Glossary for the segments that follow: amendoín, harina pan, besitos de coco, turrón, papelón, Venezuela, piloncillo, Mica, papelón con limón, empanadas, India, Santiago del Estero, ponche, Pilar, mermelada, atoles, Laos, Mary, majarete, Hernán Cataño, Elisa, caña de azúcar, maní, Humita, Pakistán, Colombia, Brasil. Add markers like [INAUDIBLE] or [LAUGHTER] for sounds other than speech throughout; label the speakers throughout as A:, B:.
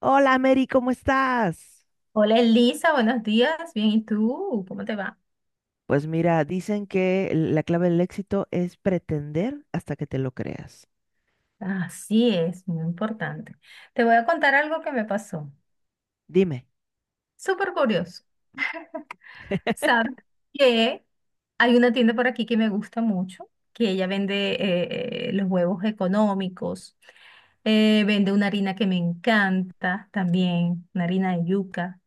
A: Hola, Mary, ¿cómo estás?
B: Hola Elisa, buenos días. Bien, ¿y tú? ¿Cómo te va?
A: Pues mira, dicen que la clave del éxito es pretender hasta que te lo creas.
B: Así es, muy importante. Te voy a contar algo que me pasó.
A: Dime.
B: Súper curioso. Sabes que hay una tienda por aquí que me gusta mucho, que ella vende los huevos económicos, vende una harina que me encanta también, una harina de yuca,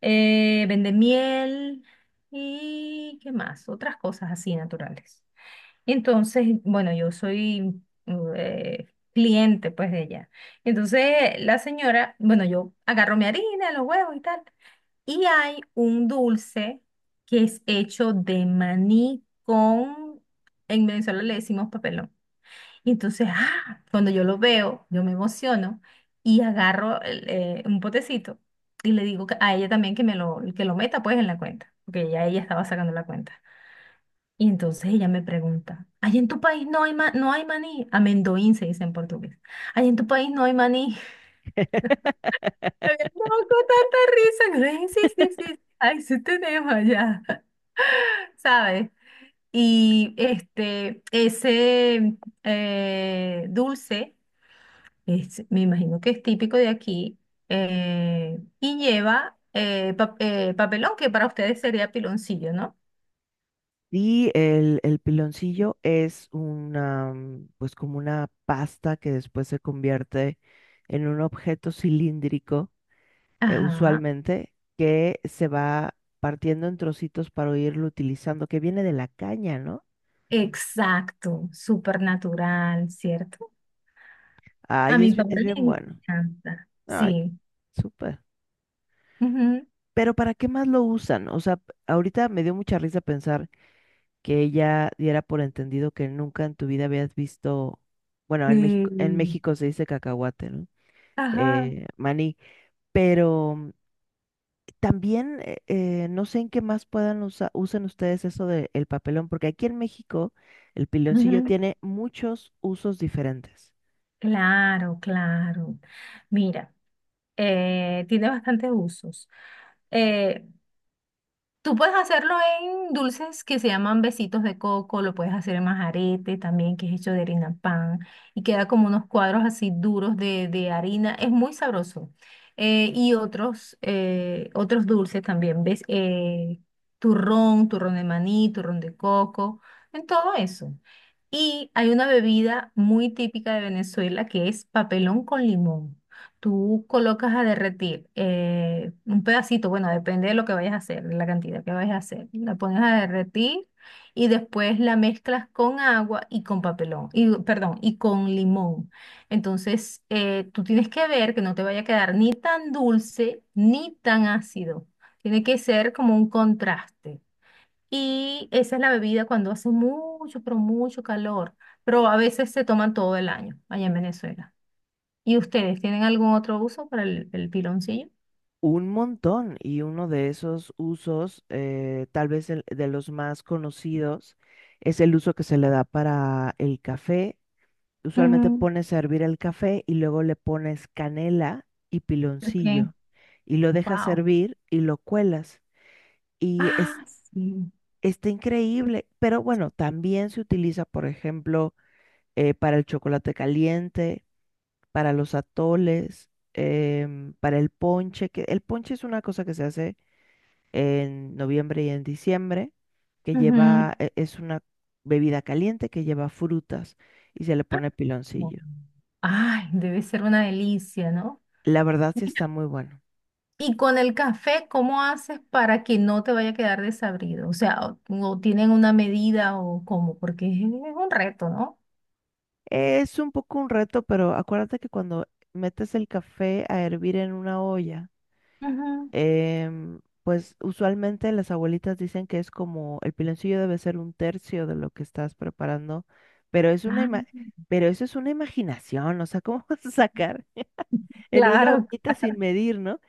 B: vende miel y qué más, otras cosas así naturales. Entonces, bueno, yo soy eh, cliente pues de ella. Entonces, la señora, bueno, yo agarro mi harina, los huevos y tal. Y hay un dulce que es hecho de maní con, en Venezuela le decimos papelón. Y entonces, ah, cuando yo lo veo, yo me emociono y agarro un potecito y le digo a ella también que me lo, que lo meta pues en la cuenta, porque ya ella estaba sacando la cuenta. Y entonces ella me pregunta, ¿allá en tu país no hay, no hay maní? Amendoín se dice en portugués. ¿Allá en tu país no hay maní? [LAUGHS] Me
A: [LAUGHS]
B: había dado con tanta risa. Que Sí, sí, sí, sí. Ay, sí tenemos allá, [LAUGHS] ¿sabes? Y ese dulce, me imagino que es típico de aquí, y lleva papelón, que para ustedes sería piloncillo, ¿no?
A: Y el piloncillo es una, mm, pues como una pasta que después se convierte en un objeto cilíndrico,
B: Ajá,
A: usualmente, que se va partiendo en trocitos para irlo utilizando, que viene de la caña, ¿no?
B: exacto, súper natural, ¿cierto? A
A: Ay,
B: mi
A: es,
B: papá
A: es
B: le
A: bien bueno.
B: encanta,
A: Ay,
B: sí.
A: súper.
B: Ujú.
A: Pero ¿para qué más lo usan? O sea, ahorita me dio mucha risa pensar que ella diera por entendido que nunca en tu vida habías visto, bueno, en
B: Sí.
A: México se dice cacahuate, ¿no?
B: Ajá.
A: Maní. Pero también no sé en qué más puedan usar, usen ustedes eso del papelón, porque aquí en México el piloncillo
B: Ujú.
A: tiene muchos usos diferentes.
B: Claro, claro. Mira, tiene bastantes usos. Eh, Tú puedes hacerlo en dulces que se llaman besitos de coco, lo puedes hacer en majarete también, que es hecho de harina pan, y queda como unos cuadros así duros de harina, es muy sabroso. Otros dulces también, ¿ves? Turrón, turrón de maní, turrón de coco, en todo eso. Y hay una bebida muy típica de Venezuela que es papelón con limón. Tú colocas a derretir un pedacito, bueno, depende de lo que vayas a hacer, de la cantidad que vayas a hacer. La pones a derretir y después la mezclas con agua y con papelón, y, perdón, y con limón. Entonces, tú tienes que ver que no te vaya a quedar ni tan dulce ni tan ácido. Tiene que ser como un contraste. Y esa es la bebida cuando hace mucho, pero mucho calor. Pero a veces se toman todo el año allá en Venezuela. ¿Y ustedes tienen algún otro uso para el piloncillo?
A: Un montón, y uno de esos usos, tal vez de los más conocidos, es el uso que se le da para el café. Usualmente
B: Ujú,
A: pones a hervir el café y luego le pones canela y
B: ok,
A: piloncillo y lo dejas
B: wow.
A: hervir y lo cuelas. Y es,
B: Ah, sí.
A: está increíble, pero bueno, también se utiliza, por ejemplo, para el chocolate caliente, para los atoles, para el ponche, que el ponche es una cosa que se hace en noviembre y en diciembre, que
B: Ujú.
A: lleva, es una bebida caliente que lleva frutas y se le
B: Ah,
A: pone
B: bueno.
A: piloncillo.
B: Ay, debe ser una delicia, ¿no?
A: La verdad sí
B: Mira,
A: está muy bueno.
B: y con el café, ¿cómo haces para que no te vaya a quedar desabrido? O sea, o tienen una medida o cómo, porque es un reto, ¿no?
A: Es un poco un reto, pero acuérdate que cuando metes el café a hervir en una olla,
B: Ujú.
A: pues usualmente las abuelitas dicen que es como el piloncillo debe ser un tercio de lo que estás preparando, pero es una
B: Ah,
A: pero eso es una imaginación, o sea, ¿cómo vas a sacar en una
B: claro,
A: ollita sin medir, ¿no?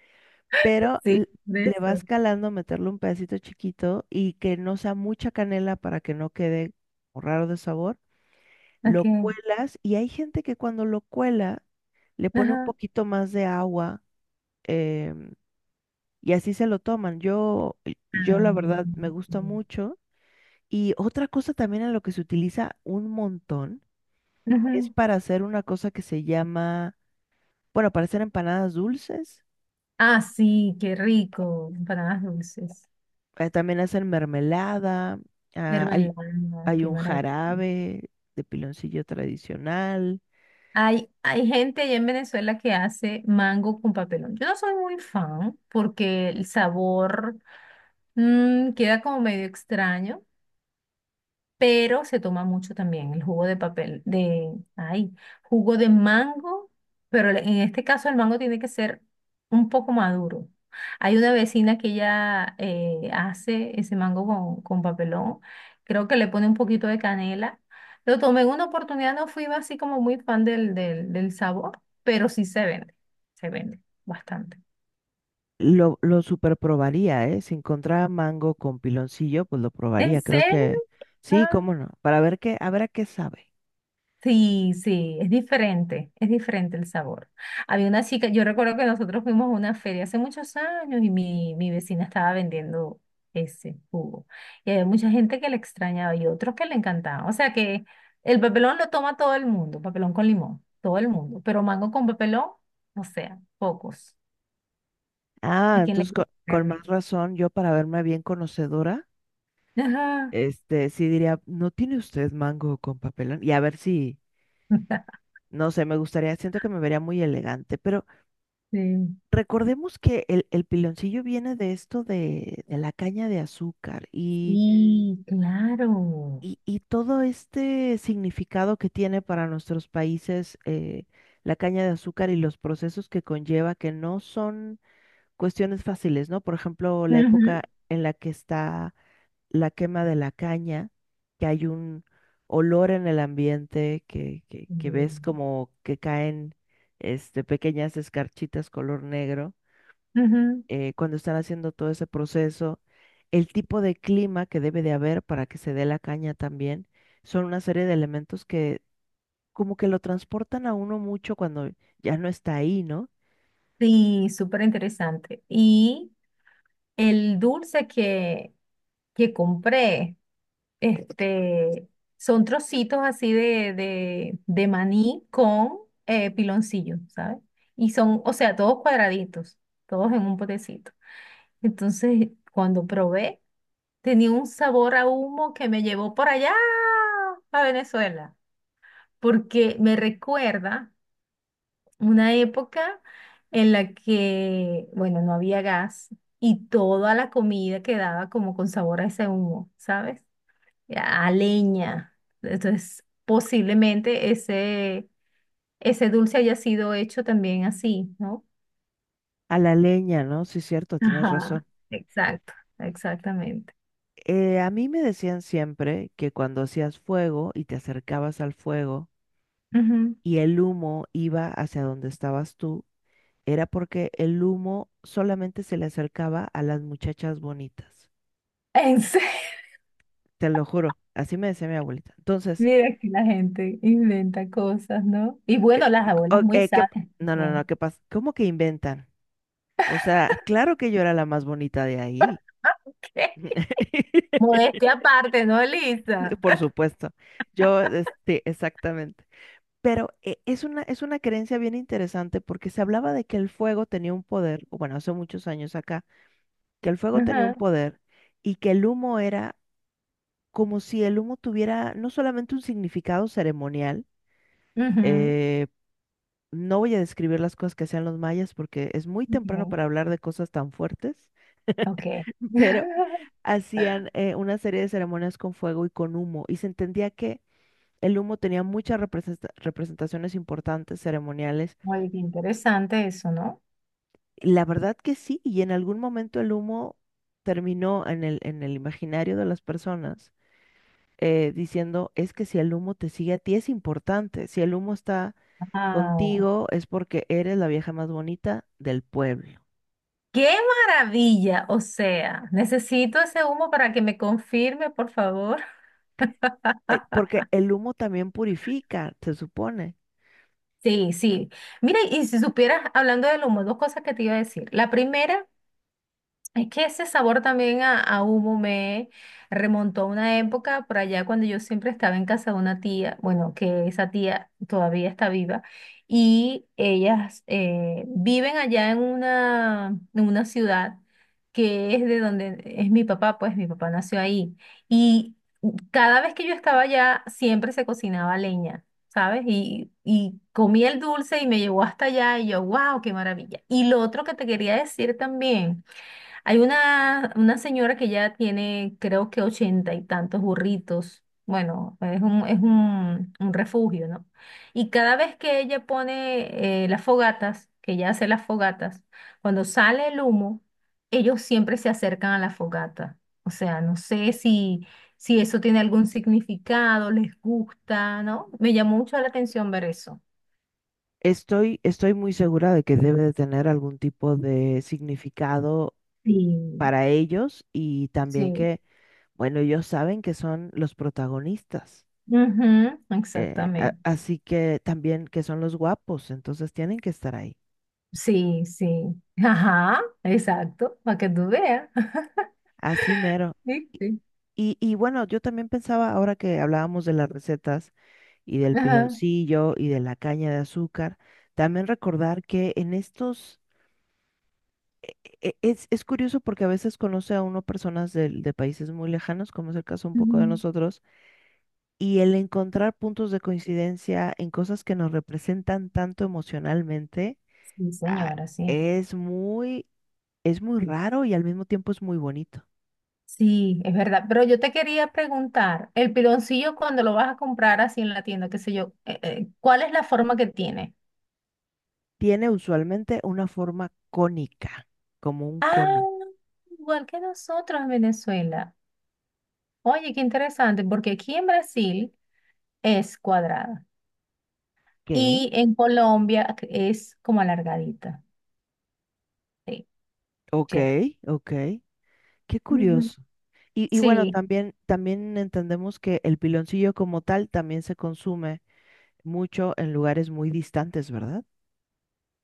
A: Pero
B: sí, de
A: le
B: eso.
A: vas calando, meterle un pedacito chiquito y que no sea mucha canela para que no quede como raro de sabor. Lo
B: Ok.
A: cuelas y hay gente que cuando lo cuela le pone un
B: Ajá.
A: poquito más de agua em, y así se lo toman. Yo, yo
B: Ah,
A: la verdad me gusta
B: sí.
A: mucho. Y otra cosa también en lo que se utiliza un montón es
B: Ujú.
A: para hacer una cosa que se llama, bueno, para hacer empanadas dulces.
B: Ah, sí, qué rico. Empanadas dulces.
A: Eh, también hacen mermelada. Ah, hay...
B: Mermelada,
A: Hay
B: qué
A: un
B: maravilla.
A: jarabe de piloncillo tradicional.
B: Hay gente allá en Venezuela que hace mango con papelón. Yo no soy muy fan porque el sabor mm, queda como medio extraño. Pero se toma mucho también el jugo de papel, de, ay, jugo de mango, pero en este caso el mango tiene que ser un poco maduro. Hay una vecina que ella hace ese mango con papelón, creo que le pone un poquito de canela. Lo tomé en una oportunidad, no fui así como muy fan del sabor, pero sí se vende bastante.
A: Lo super probaría, ¿eh? Si encontraba mango con piloncillo, pues lo
B: ¿En
A: probaría. Creo
B: serio?
A: que sí, cómo no. Para ver qué, a ver a qué sabe.
B: Sí, sí, es diferente el sabor. Había una chica, yo recuerdo que nosotros fuimos a una feria hace muchos años y mi vecina estaba vendiendo ese jugo. Y había mucha gente que le extrañaba y otros que le encantaban. O sea que el papelón lo toma todo el mundo, papelón con limón, todo el mundo. Pero mango con papelón, o sea, pocos.
A: Ah,
B: ¿A quién le
A: entonces
B: gusta
A: con, más
B: realmente?
A: razón, yo para verme bien conocedora,
B: Ajá.
A: este, sí diría, ¿no tiene usted mango con papelón? Y a ver si,
B: [LAUGHS]
A: no sé, me gustaría, siento que me vería muy elegante, pero
B: Sí,
A: recordemos que el piloncillo viene de esto de la caña de azúcar. Y
B: sí, claro.
A: Y, y todo este significado que tiene para nuestros países, la caña de azúcar y los procesos que conlleva, que no son cuestiones fáciles, ¿no? Por ejemplo, la época
B: Ujú.
A: en la que está la quema de la caña, que hay un olor en el ambiente, que
B: Mm,
A: ves como que caen, este, pequeñas escarchitas color negro,
B: ujú.
A: cuando están haciendo todo ese proceso, el tipo de clima que debe de haber para que se dé la caña también, son una serie de elementos que como que lo transportan a uno mucho cuando ya no está ahí, ¿no?
B: Sí, súper interesante. Y el dulce que compré, este, son trocitos así de maní con piloncillo, ¿sabes? Y son, o sea, todos cuadraditos, todos en un potecito. Entonces, cuando probé, tenía un sabor a humo que me llevó por allá a Venezuela, porque me recuerda una época en la que, bueno, no había gas y toda la comida quedaba como con sabor a ese humo, ¿sabes? A leña. Entonces, posiblemente ese dulce haya sido hecho también así, ¿no?
A: A la leña, ¿no? Sí, cierto, tienes razón.
B: Ajá. Exacto, exactamente.
A: A mí me decían siempre que cuando hacías fuego y te acercabas al fuego
B: Ujú.
A: y el humo iba hacia donde estabas tú, era porque el humo solamente se le acercaba a las muchachas bonitas.
B: ¿En serio?
A: Te lo juro, así me decía mi abuelita.
B: [LAUGHS]
A: Entonces,
B: Mira que la gente inventa cosas, ¿no? Y bueno, las abuelas muy sabias
A: No, no, no,
B: también.
A: ¿qué pasa? ¿Cómo que inventan? O sea, claro que yo era la más bonita de ahí.
B: [LAUGHS] ¿Qué?
A: [LAUGHS]
B: Modestia aparte, ¿no, Lisa?
A: Por supuesto. Yo, este, exactamente. Pero es una creencia bien interesante porque se hablaba de que el fuego tenía un poder, o bueno, hace muchos años acá, que el fuego tenía
B: Ajá,
A: un poder y que el humo era como si el humo tuviera no solamente un significado ceremonial,
B: ujú,
A: eh, no voy a describir las cosas que hacían los mayas porque es muy temprano
B: ujú,
A: para hablar de cosas tan fuertes,
B: ok.
A: [LAUGHS]
B: [LAUGHS]
A: pero hacían una serie de ceremonias con fuego y con humo, y se entendía que el humo tenía muchas representaciones importantes ceremoniales.
B: Muy interesante eso, ¿no?
A: Y la verdad que sí, y en algún momento el humo terminó en el imaginario de las personas, diciendo, es que si el humo te sigue a ti es importante, si el humo está
B: Wow.
A: contigo es porque eres la vieja más bonita del pueblo.
B: ¡Qué maravilla! O sea, necesito ese humo para que me confirme, por favor.
A: Porque el humo también purifica, se supone.
B: Sí, sí. Mira, y si supieras, hablando del humo, dos cosas que te iba a decir. La primera es que ese sabor también a humo me remontó a una época por allá cuando yo siempre estaba en casa de una tía, bueno, que esa tía todavía está viva, y ellas viven allá en una ciudad que es de donde es mi papá, pues mi papá nació ahí. Y cada vez que yo estaba allá, siempre se cocinaba leña. ¿Sabes? Y comí el dulce y me llevó hasta allá y yo, wow, qué maravilla. Y lo otro que te quería decir también, hay una señora que ya tiene, creo que ochenta y tantos burritos. Bueno, es un refugio, ¿no? Y cada vez que ella pone las fogatas, que ella hace las fogatas, cuando sale el humo, ellos siempre se acercan a la fogata. O sea, no sé si, si eso tiene algún significado, les gusta, ¿no? Me llamó mucho la atención ver eso.
A: Estoy muy segura de que debe de tener algún tipo de significado
B: Sí,
A: para ellos y también
B: sí.
A: que, bueno, ellos saben que son los protagonistas,
B: Ujú, exactamente.
A: así que también que son los guapos, entonces tienen que estar ahí.
B: Sí, sí. Ajá, exacto, para que tú veas. [LAUGHS]
A: Así mero.
B: Sí,
A: Y,
B: sí.
A: y bueno, yo también pensaba, ahora que hablábamos de las recetas y del
B: Ajá.
A: piloncillo y de la caña de azúcar, también recordar que en estos... es curioso porque a veces conoce a uno personas de países muy lejanos, como es el caso un poco de
B: Ujú.
A: nosotros, y el encontrar puntos de coincidencia en cosas que nos representan tanto emocionalmente,
B: Sí,
A: ah,
B: señora, sí.
A: es muy, es muy raro y al mismo tiempo es muy bonito.
B: Sí, es verdad. Pero yo te quería preguntar, el piloncillo cuando lo vas a comprar así en la tienda, qué sé yo, ¿cuál es la forma que tiene?
A: Tiene usualmente una forma cónica, como un
B: Ah,
A: cono.
B: igual que nosotros en Venezuela. Oye, qué interesante, porque aquí en Brasil es cuadrada
A: ¿Qué?
B: y en Colombia es como alargadita. Sí,
A: Ok,
B: cierto.
A: ok. Qué
B: Ujú.
A: curioso. Y bueno,
B: Sí,
A: también, también entendemos que el piloncillo como tal también se consume mucho en lugares muy distantes, ¿verdad?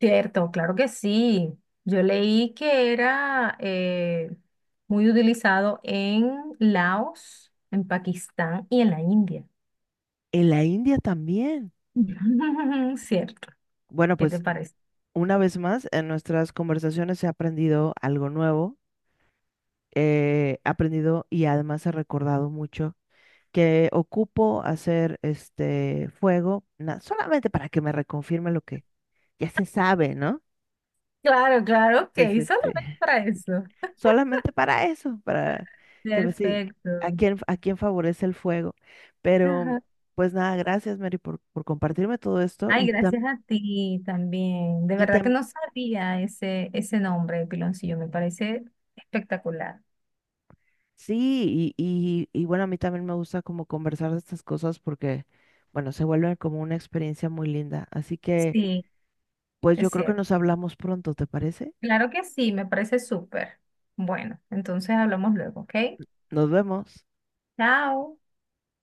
B: cierto, claro que sí. Yo leí que era muy utilizado en Laos, en Pakistán y en la India.
A: En la India también.
B: [LAUGHS] Cierto,
A: Bueno,
B: ¿qué te
A: pues
B: parece?
A: una vez más, en nuestras conversaciones he aprendido algo nuevo, he aprendido y además he recordado mucho que ocupo hacer este fuego, solamente para que me reconfirme lo que ya se sabe, ¿no?
B: Claro, claro, ok,
A: Es este,
B: solamente
A: [LAUGHS]
B: para eso.
A: solamente para eso, para que me sí,
B: Perfecto.
A: a quién favorece el fuego. Pero,
B: Ajá.
A: pues nada, gracias, Mary, por compartirme todo esto
B: Ay,
A: y,
B: gracias a ti también. De
A: y
B: verdad que
A: también...
B: no sabía ese nombre, de piloncillo, me parece espectacular.
A: Sí, y bueno, a mí también me gusta como conversar de estas cosas porque, bueno, se vuelven como una experiencia muy linda. Así que,
B: Sí,
A: pues yo
B: es
A: creo que
B: cierto.
A: nos hablamos pronto, ¿te parece?
B: Claro que sí, me parece súper. Bueno, entonces hablamos luego, ¿ok?
A: Nos vemos.
B: Chao.